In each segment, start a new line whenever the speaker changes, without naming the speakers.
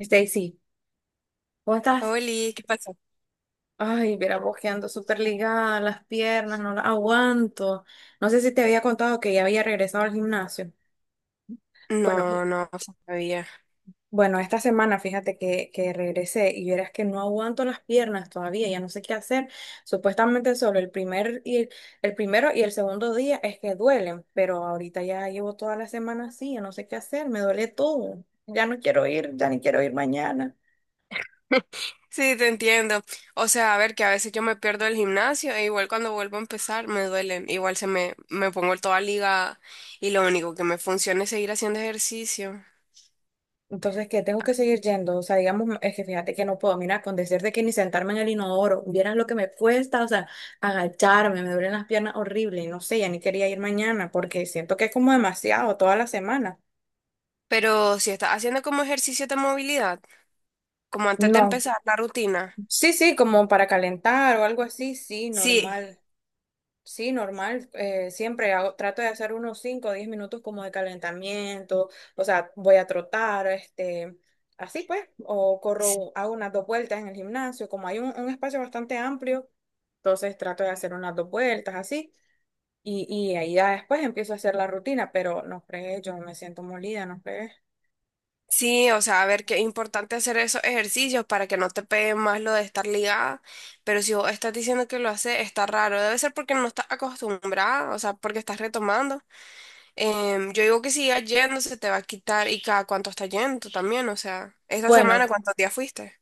Stacy, ¿cómo estás?
Oli, ¿qué pasó?
Ay, mira, bojeando súper ligada, las piernas, no las aguanto. No sé si te había contado que ya había regresado al gimnasio. Bueno,
No, no sabía.
bueno, esta semana fíjate que regresé y verás que no aguanto las piernas todavía, ya no sé qué hacer. Supuestamente solo el primero y el segundo día es que duelen, pero ahorita ya llevo toda la semana así, ya no sé qué hacer, me duele todo. Ya no quiero ir, ya ni quiero ir mañana.
Sí, te entiendo. O sea, a ver, que a veces yo me pierdo el gimnasio e igual cuando vuelvo a empezar me duelen. Igual me pongo toda ligada y lo único que me funciona es seguir haciendo ejercicio.
Entonces, ¿qué? Tengo que seguir yendo. O sea, digamos, es que fíjate que no puedo. Mira, con decirte que ni sentarme en el inodoro, vieras lo que me cuesta, o sea, agacharme, me duelen las piernas horrible. No sé, ya ni quería ir mañana porque siento que es como demasiado toda la semana.
Pero si estás haciendo como ejercicio de movilidad, como antes de
No,
empezar la rutina.
sí, sí, como para calentar o algo así, sí,
Sí.
normal. Sí, normal. Siempre trato de hacer unos 5 o 10 minutos como de calentamiento. O sea, voy a trotar, así pues, o corro, hago unas dos vueltas en el gimnasio. Como hay un espacio bastante amplio, entonces trato de hacer unas dos vueltas así. Y ahí ya después empiezo a hacer la rutina, pero no fregué, yo me siento molida, no fregué.
Sí, o sea, a ver, qué importante hacer esos ejercicios para que no te pegue más lo de estar ligada, pero si vos estás diciendo que lo hace, está raro, debe ser porque no estás acostumbrada, o sea, porque estás retomando. Yo digo que sigas yendo, se te va a quitar y cada cuánto estás yendo también, o sea, esta
Bueno,
semana, ¿cuántos días fuiste?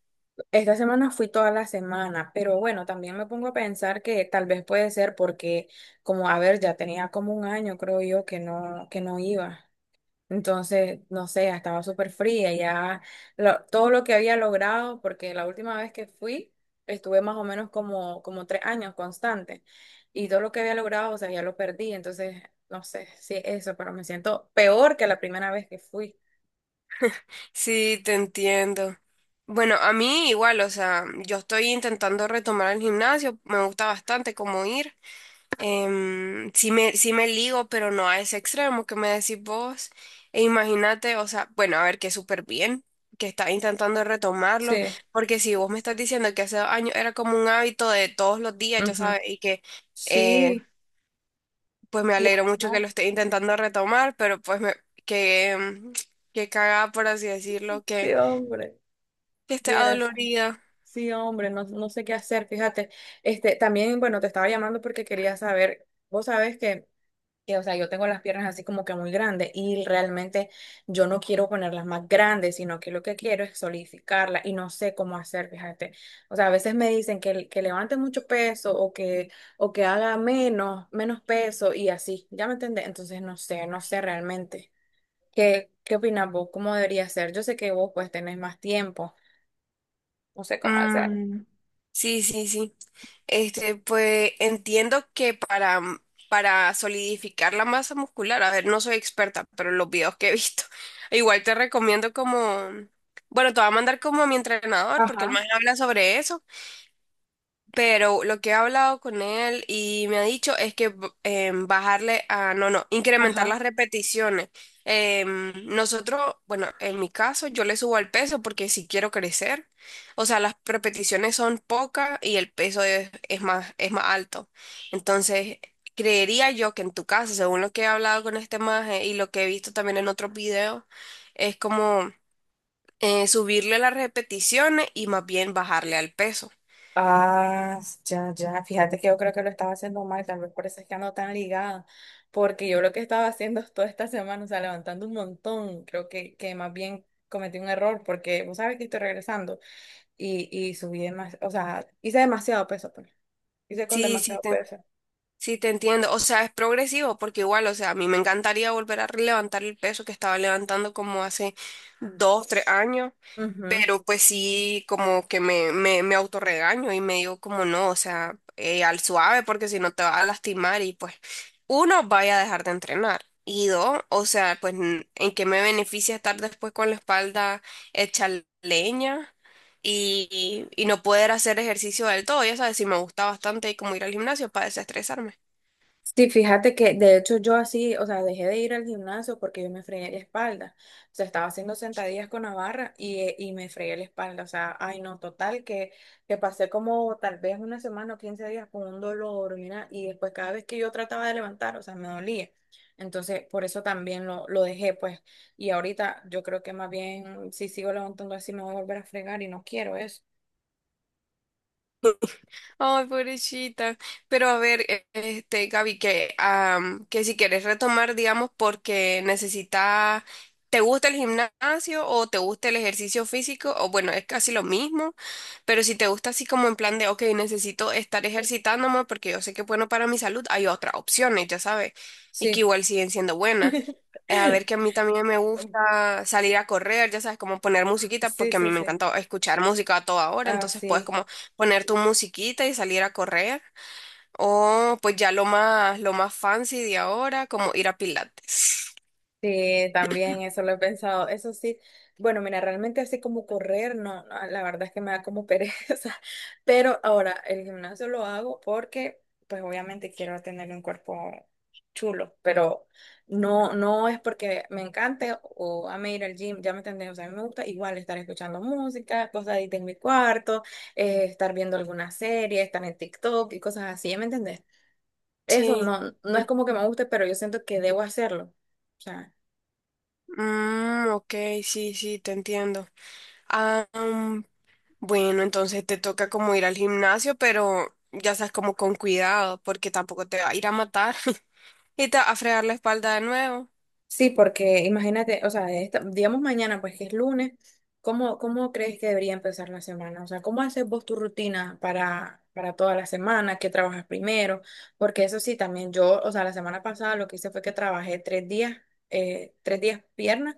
esta semana fui toda la semana, pero bueno, también me pongo a pensar que tal vez puede ser porque, como a ver, ya tenía como un año, creo yo, que no iba. Entonces, no sé, ya estaba súper fría, ya todo lo que había logrado, porque la última vez que fui, estuve más o menos como 3 años constante, y todo lo que había logrado, o sea, ya lo perdí. Entonces, no sé si es eso, pero me siento peor que la primera vez que fui.
Sí, te entiendo. Bueno, a mí igual, o sea, yo estoy intentando retomar el gimnasio, me gusta bastante como ir. Sí me ligo, pero no a ese extremo que me decís vos. E imagínate, o sea, bueno, a ver, que súper bien, que estás intentando retomarlo,
Sí.
porque si vos me estás diciendo que hace dos años era como un hábito de todos los días, ya
Ujú.
sabes, y que eh,
Sí.
pues me
Y
alegro
ahora
mucho que
no.
lo estés intentando retomar, pero pues que, em, que cagada, por así decirlo,
Sí,
que,
hombre,
que esté
vieras.
adolorida.
Sí, hombre, no, no sé qué hacer, fíjate. También, bueno, te estaba llamando porque quería saber, vos sabes que, o sea, yo tengo las piernas así como que muy grandes y realmente yo no quiero ponerlas más grandes, sino que lo que quiero es solidificarlas y no sé cómo hacer, fíjate. O sea, a veces me dicen que levante mucho peso o que haga menos peso y así, ¿ya me entendés? Entonces, no sé, no sé realmente. ¿Qué opinas vos? ¿Cómo debería ser? Yo sé que vos pues tenés más tiempo. No sé cómo hacer.
Mm, sí, sí, sí. Este, pues entiendo que para solidificar la masa muscular, a ver, no soy experta, pero los videos que he visto, igual te recomiendo como, bueno, te voy a mandar como a mi entrenador, porque él
Ajá.
más habla sobre eso. Pero lo que he hablado con él y me ha dicho es que bajarle a, no, no, incrementar
Ajá.
las repeticiones. Nosotros, bueno, en mi caso, yo le subo al peso porque si quiero crecer. O sea, las repeticiones son pocas y el peso es más alto. Entonces, creería yo que en tu caso, según lo que he hablado con este maje y lo que he visto también en otros videos, es como subirle las repeticiones y más bien bajarle al peso.
Ah, ya, ya. Fíjate que yo creo que lo estaba haciendo mal, tal vez por eso es que ando tan ligada. Porque yo lo que estaba haciendo es toda esta semana, o sea, levantando un montón. Creo que más bien cometí un error porque vos sabes que estoy regresando y subí demasiado, o sea, hice demasiado peso, pues. Hice con
Sí, sí.
demasiado
te
peso.
Sí, te entiendo. O sea, es progresivo porque igual, o sea, a mí me encantaría volver a levantar el peso que estaba levantando como hace 2, 3 años,
Ujú.
pero pues sí, como que me autorregaño y me digo como no, o sea, al suave porque si no te vas a lastimar y pues uno, vaya a dejar de entrenar. Y dos, o sea, pues en qué me beneficia estar después con la espalda hecha leña y, y no poder hacer ejercicio del todo. Ya sabes, sí me gusta bastante como ir al gimnasio para desestresarme.
Sí, fíjate que de hecho yo así, o sea, dejé de ir al gimnasio porque yo me fregué la espalda. O sea, estaba haciendo sentadillas con la barra y me fregué la espalda. O sea, ay no, total, que pasé como tal vez una semana o 15 días con un dolor, mira, y después cada vez que yo trataba de levantar, o sea, me dolía. Entonces, por eso también lo dejé, pues. Y ahorita yo creo que más bien si sigo levantando así me voy a volver a fregar y no quiero eso.
Ay, pobrecita. Pero a ver, este, Gaby, que si quieres retomar, digamos, porque necesitas, ¿te gusta el gimnasio o te gusta el ejercicio físico? O bueno, es casi lo mismo, pero si te gusta así como en plan de, ok, necesito estar ejercitándome porque yo sé que es bueno para mi salud, hay otras opciones, ya sabes, y que
Sí.
igual siguen siendo buenas. A ver, que a mí también me gusta salir a correr, ya sabes, como poner musiquita,
Sí,
porque a
sí,
mí me
sí.
encanta escuchar música a toda hora,
Ah,
entonces puedes
sí.
como poner tu musiquita y salir a correr, o pues ya lo más fancy de ahora, como ir a Pilates.
Sí, también eso lo he pensado. Eso sí, bueno, mira, realmente así como correr, no, no, la verdad es que me da como pereza. Pero ahora el gimnasio lo hago porque, pues obviamente quiero tener un cuerpo chulo, pero no, no es porque me encante o ame ir al gym, ya me entendés, o sea, a mí me gusta igual estar escuchando música, cosas ahí de mi cuarto, estar viendo alguna serie, estar en TikTok y cosas así, ¿ya me entendés? Eso
Sí.
no, no es como que me guste, pero yo siento que debo hacerlo. O sea.
Mm, ok, sí, sí, te entiendo. Ah, bueno, entonces te toca como ir al gimnasio, pero ya sabes, como con cuidado, porque tampoco te va a ir a matar y te va a fregar la espalda de nuevo.
Sí, porque imagínate, o sea, digamos mañana, pues que es lunes, ¿cómo crees que debería empezar la semana? O sea, ¿cómo haces vos tu rutina para toda la semana? ¿Qué trabajas primero? Porque eso sí, también yo, o sea, la semana pasada lo que hice fue que trabajé 3 días piernas,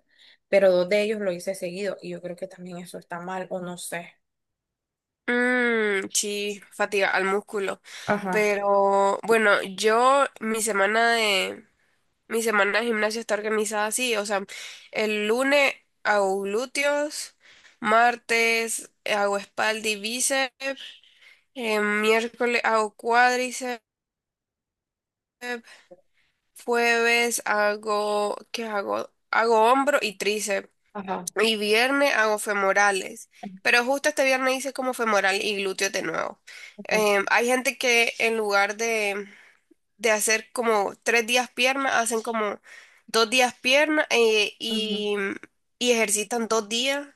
pero dos de ellos lo hice seguido y yo creo que también eso está mal o no sé.
Mm, sí, fatiga al músculo.
Ajá,
Pero bueno, yo mi semana de Mi semana de gimnasio está organizada así, o sea, el lunes hago glúteos, martes hago espalda y bíceps, miércoles hago cuádriceps, jueves hago, ¿qué hago? Hago hombro y tríceps,
ajá,
y viernes hago femorales, pero justo este viernes hice como femoral y glúteos de nuevo.
ajá,
Hay gente que en lugar de hacer como tres días pierna, hacen como dos días pierna eh,
ujú,
y, y ejercitan dos días.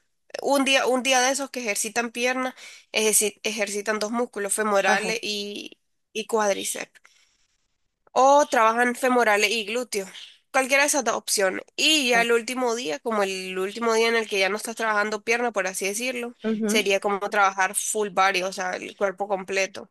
Un día de esos que ejercitan pierna, ejercitan dos músculos, femorales
ajá,
y cuádriceps. O trabajan femorales y glúteos. Cualquiera de esas dos opciones. Y ya
ajá.
el último día, como el último día en el que ya no estás trabajando pierna, por así decirlo,
Ujú.
sería como trabajar full body, o sea, el cuerpo completo.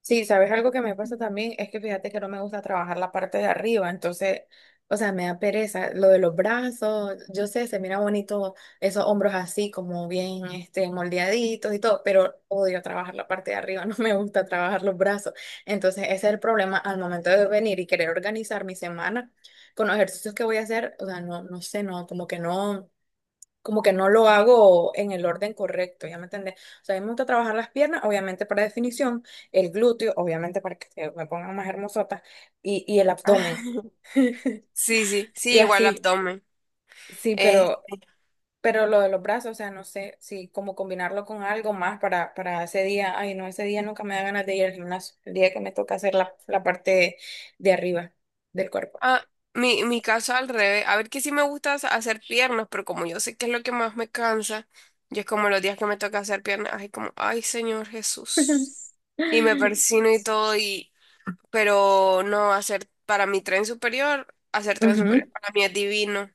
Sí, sabes algo que me pasa también es que fíjate que no me gusta trabajar la parte de arriba, entonces, o sea, me da pereza lo de los brazos, yo sé, se mira bonito esos hombros así como bien moldeaditos y todo, pero odio trabajar la parte de arriba, no me gusta trabajar los brazos. Entonces, ese es el problema al momento de venir y querer organizar mi semana con los ejercicios que voy a hacer, o sea, no no sé, no como que no lo hago en el orden correcto, ¿ya me entendés? O sea, a mí me gusta trabajar las piernas, obviamente para definición, el glúteo, obviamente para que se me pongan más hermosotas, y el abdomen,
Ah, sí, sí,
y
sí, igual
así,
abdomen.
sí,
Eh,
pero, lo de los brazos, o sea, no sé, si como combinarlo con algo más para ese día, ay, no, ese día nunca me da ganas de ir al gimnasio, el día que me toca hacer la parte de arriba del cuerpo.
Ah, mi caso al revés. A ver que sí me gusta hacer piernas, pero como yo sé que es lo que más me cansa, yo es como los días que me toca hacer piernas, ay, como, ay, Señor Jesús. Y me persino y todo, y, pero no, hacer para mi tren superior, hacer tren
Ujú.
superior para mí es divino.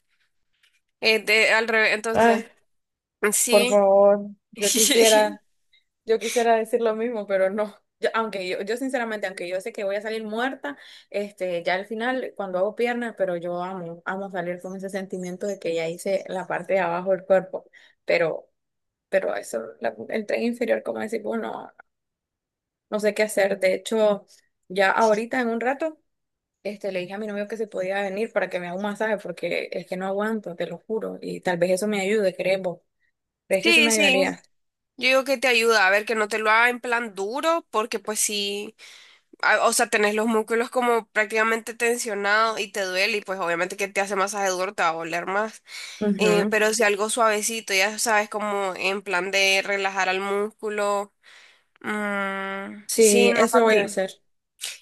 Al revés, entonces,
Ay, por
sí.
favor, yo quisiera. Yo quisiera decir lo mismo, pero no. Aunque yo sinceramente, aunque yo sé que voy a salir muerta, ya al final, cuando hago piernas, pero yo amo, amo salir con ese sentimiento de que ya hice la parte de abajo del cuerpo. Pero, eso, el tren inferior, como decir, bueno, no sé qué hacer. De hecho, ya ahorita en un rato, le dije a mi novio que se podía venir para que me haga un masaje, porque es que no aguanto, te lo juro. Y tal vez eso me ayude, ¿crees vos? ¿Crees que eso me
Sí, sí.
ayudaría?
Yo digo que te ayuda a ver que no te lo haga en plan duro, porque pues sí. Ah, o sea, tenés los músculos como prácticamente tensionados y te duele y pues obviamente que te hace masaje duro te va a doler más. Eh,
Ujú.
pero si algo suavecito, ya sabes, como en plan de relajar al músculo. Mm, sí,
Sí,
no
eso
para
voy a
ti.
hacer.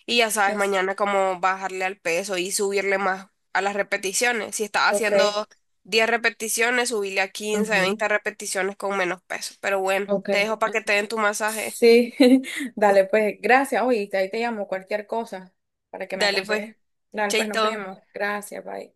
Y ya sabes,
Es-
mañana como bajarle al peso y subirle más a las repeticiones. Si estás
Ok.
haciendo 10 repeticiones, subirle a 15
Ujú.
20 repeticiones con menos peso. Pero bueno,
Ok.
te dejo para que te den tu masaje.
Sí, dale, pues gracias. Oye, ahí te llamo cualquier cosa para que me
Dale
aconsejes.
pues,
Dale, pues nos
chaito.
vemos. Gracias, bye.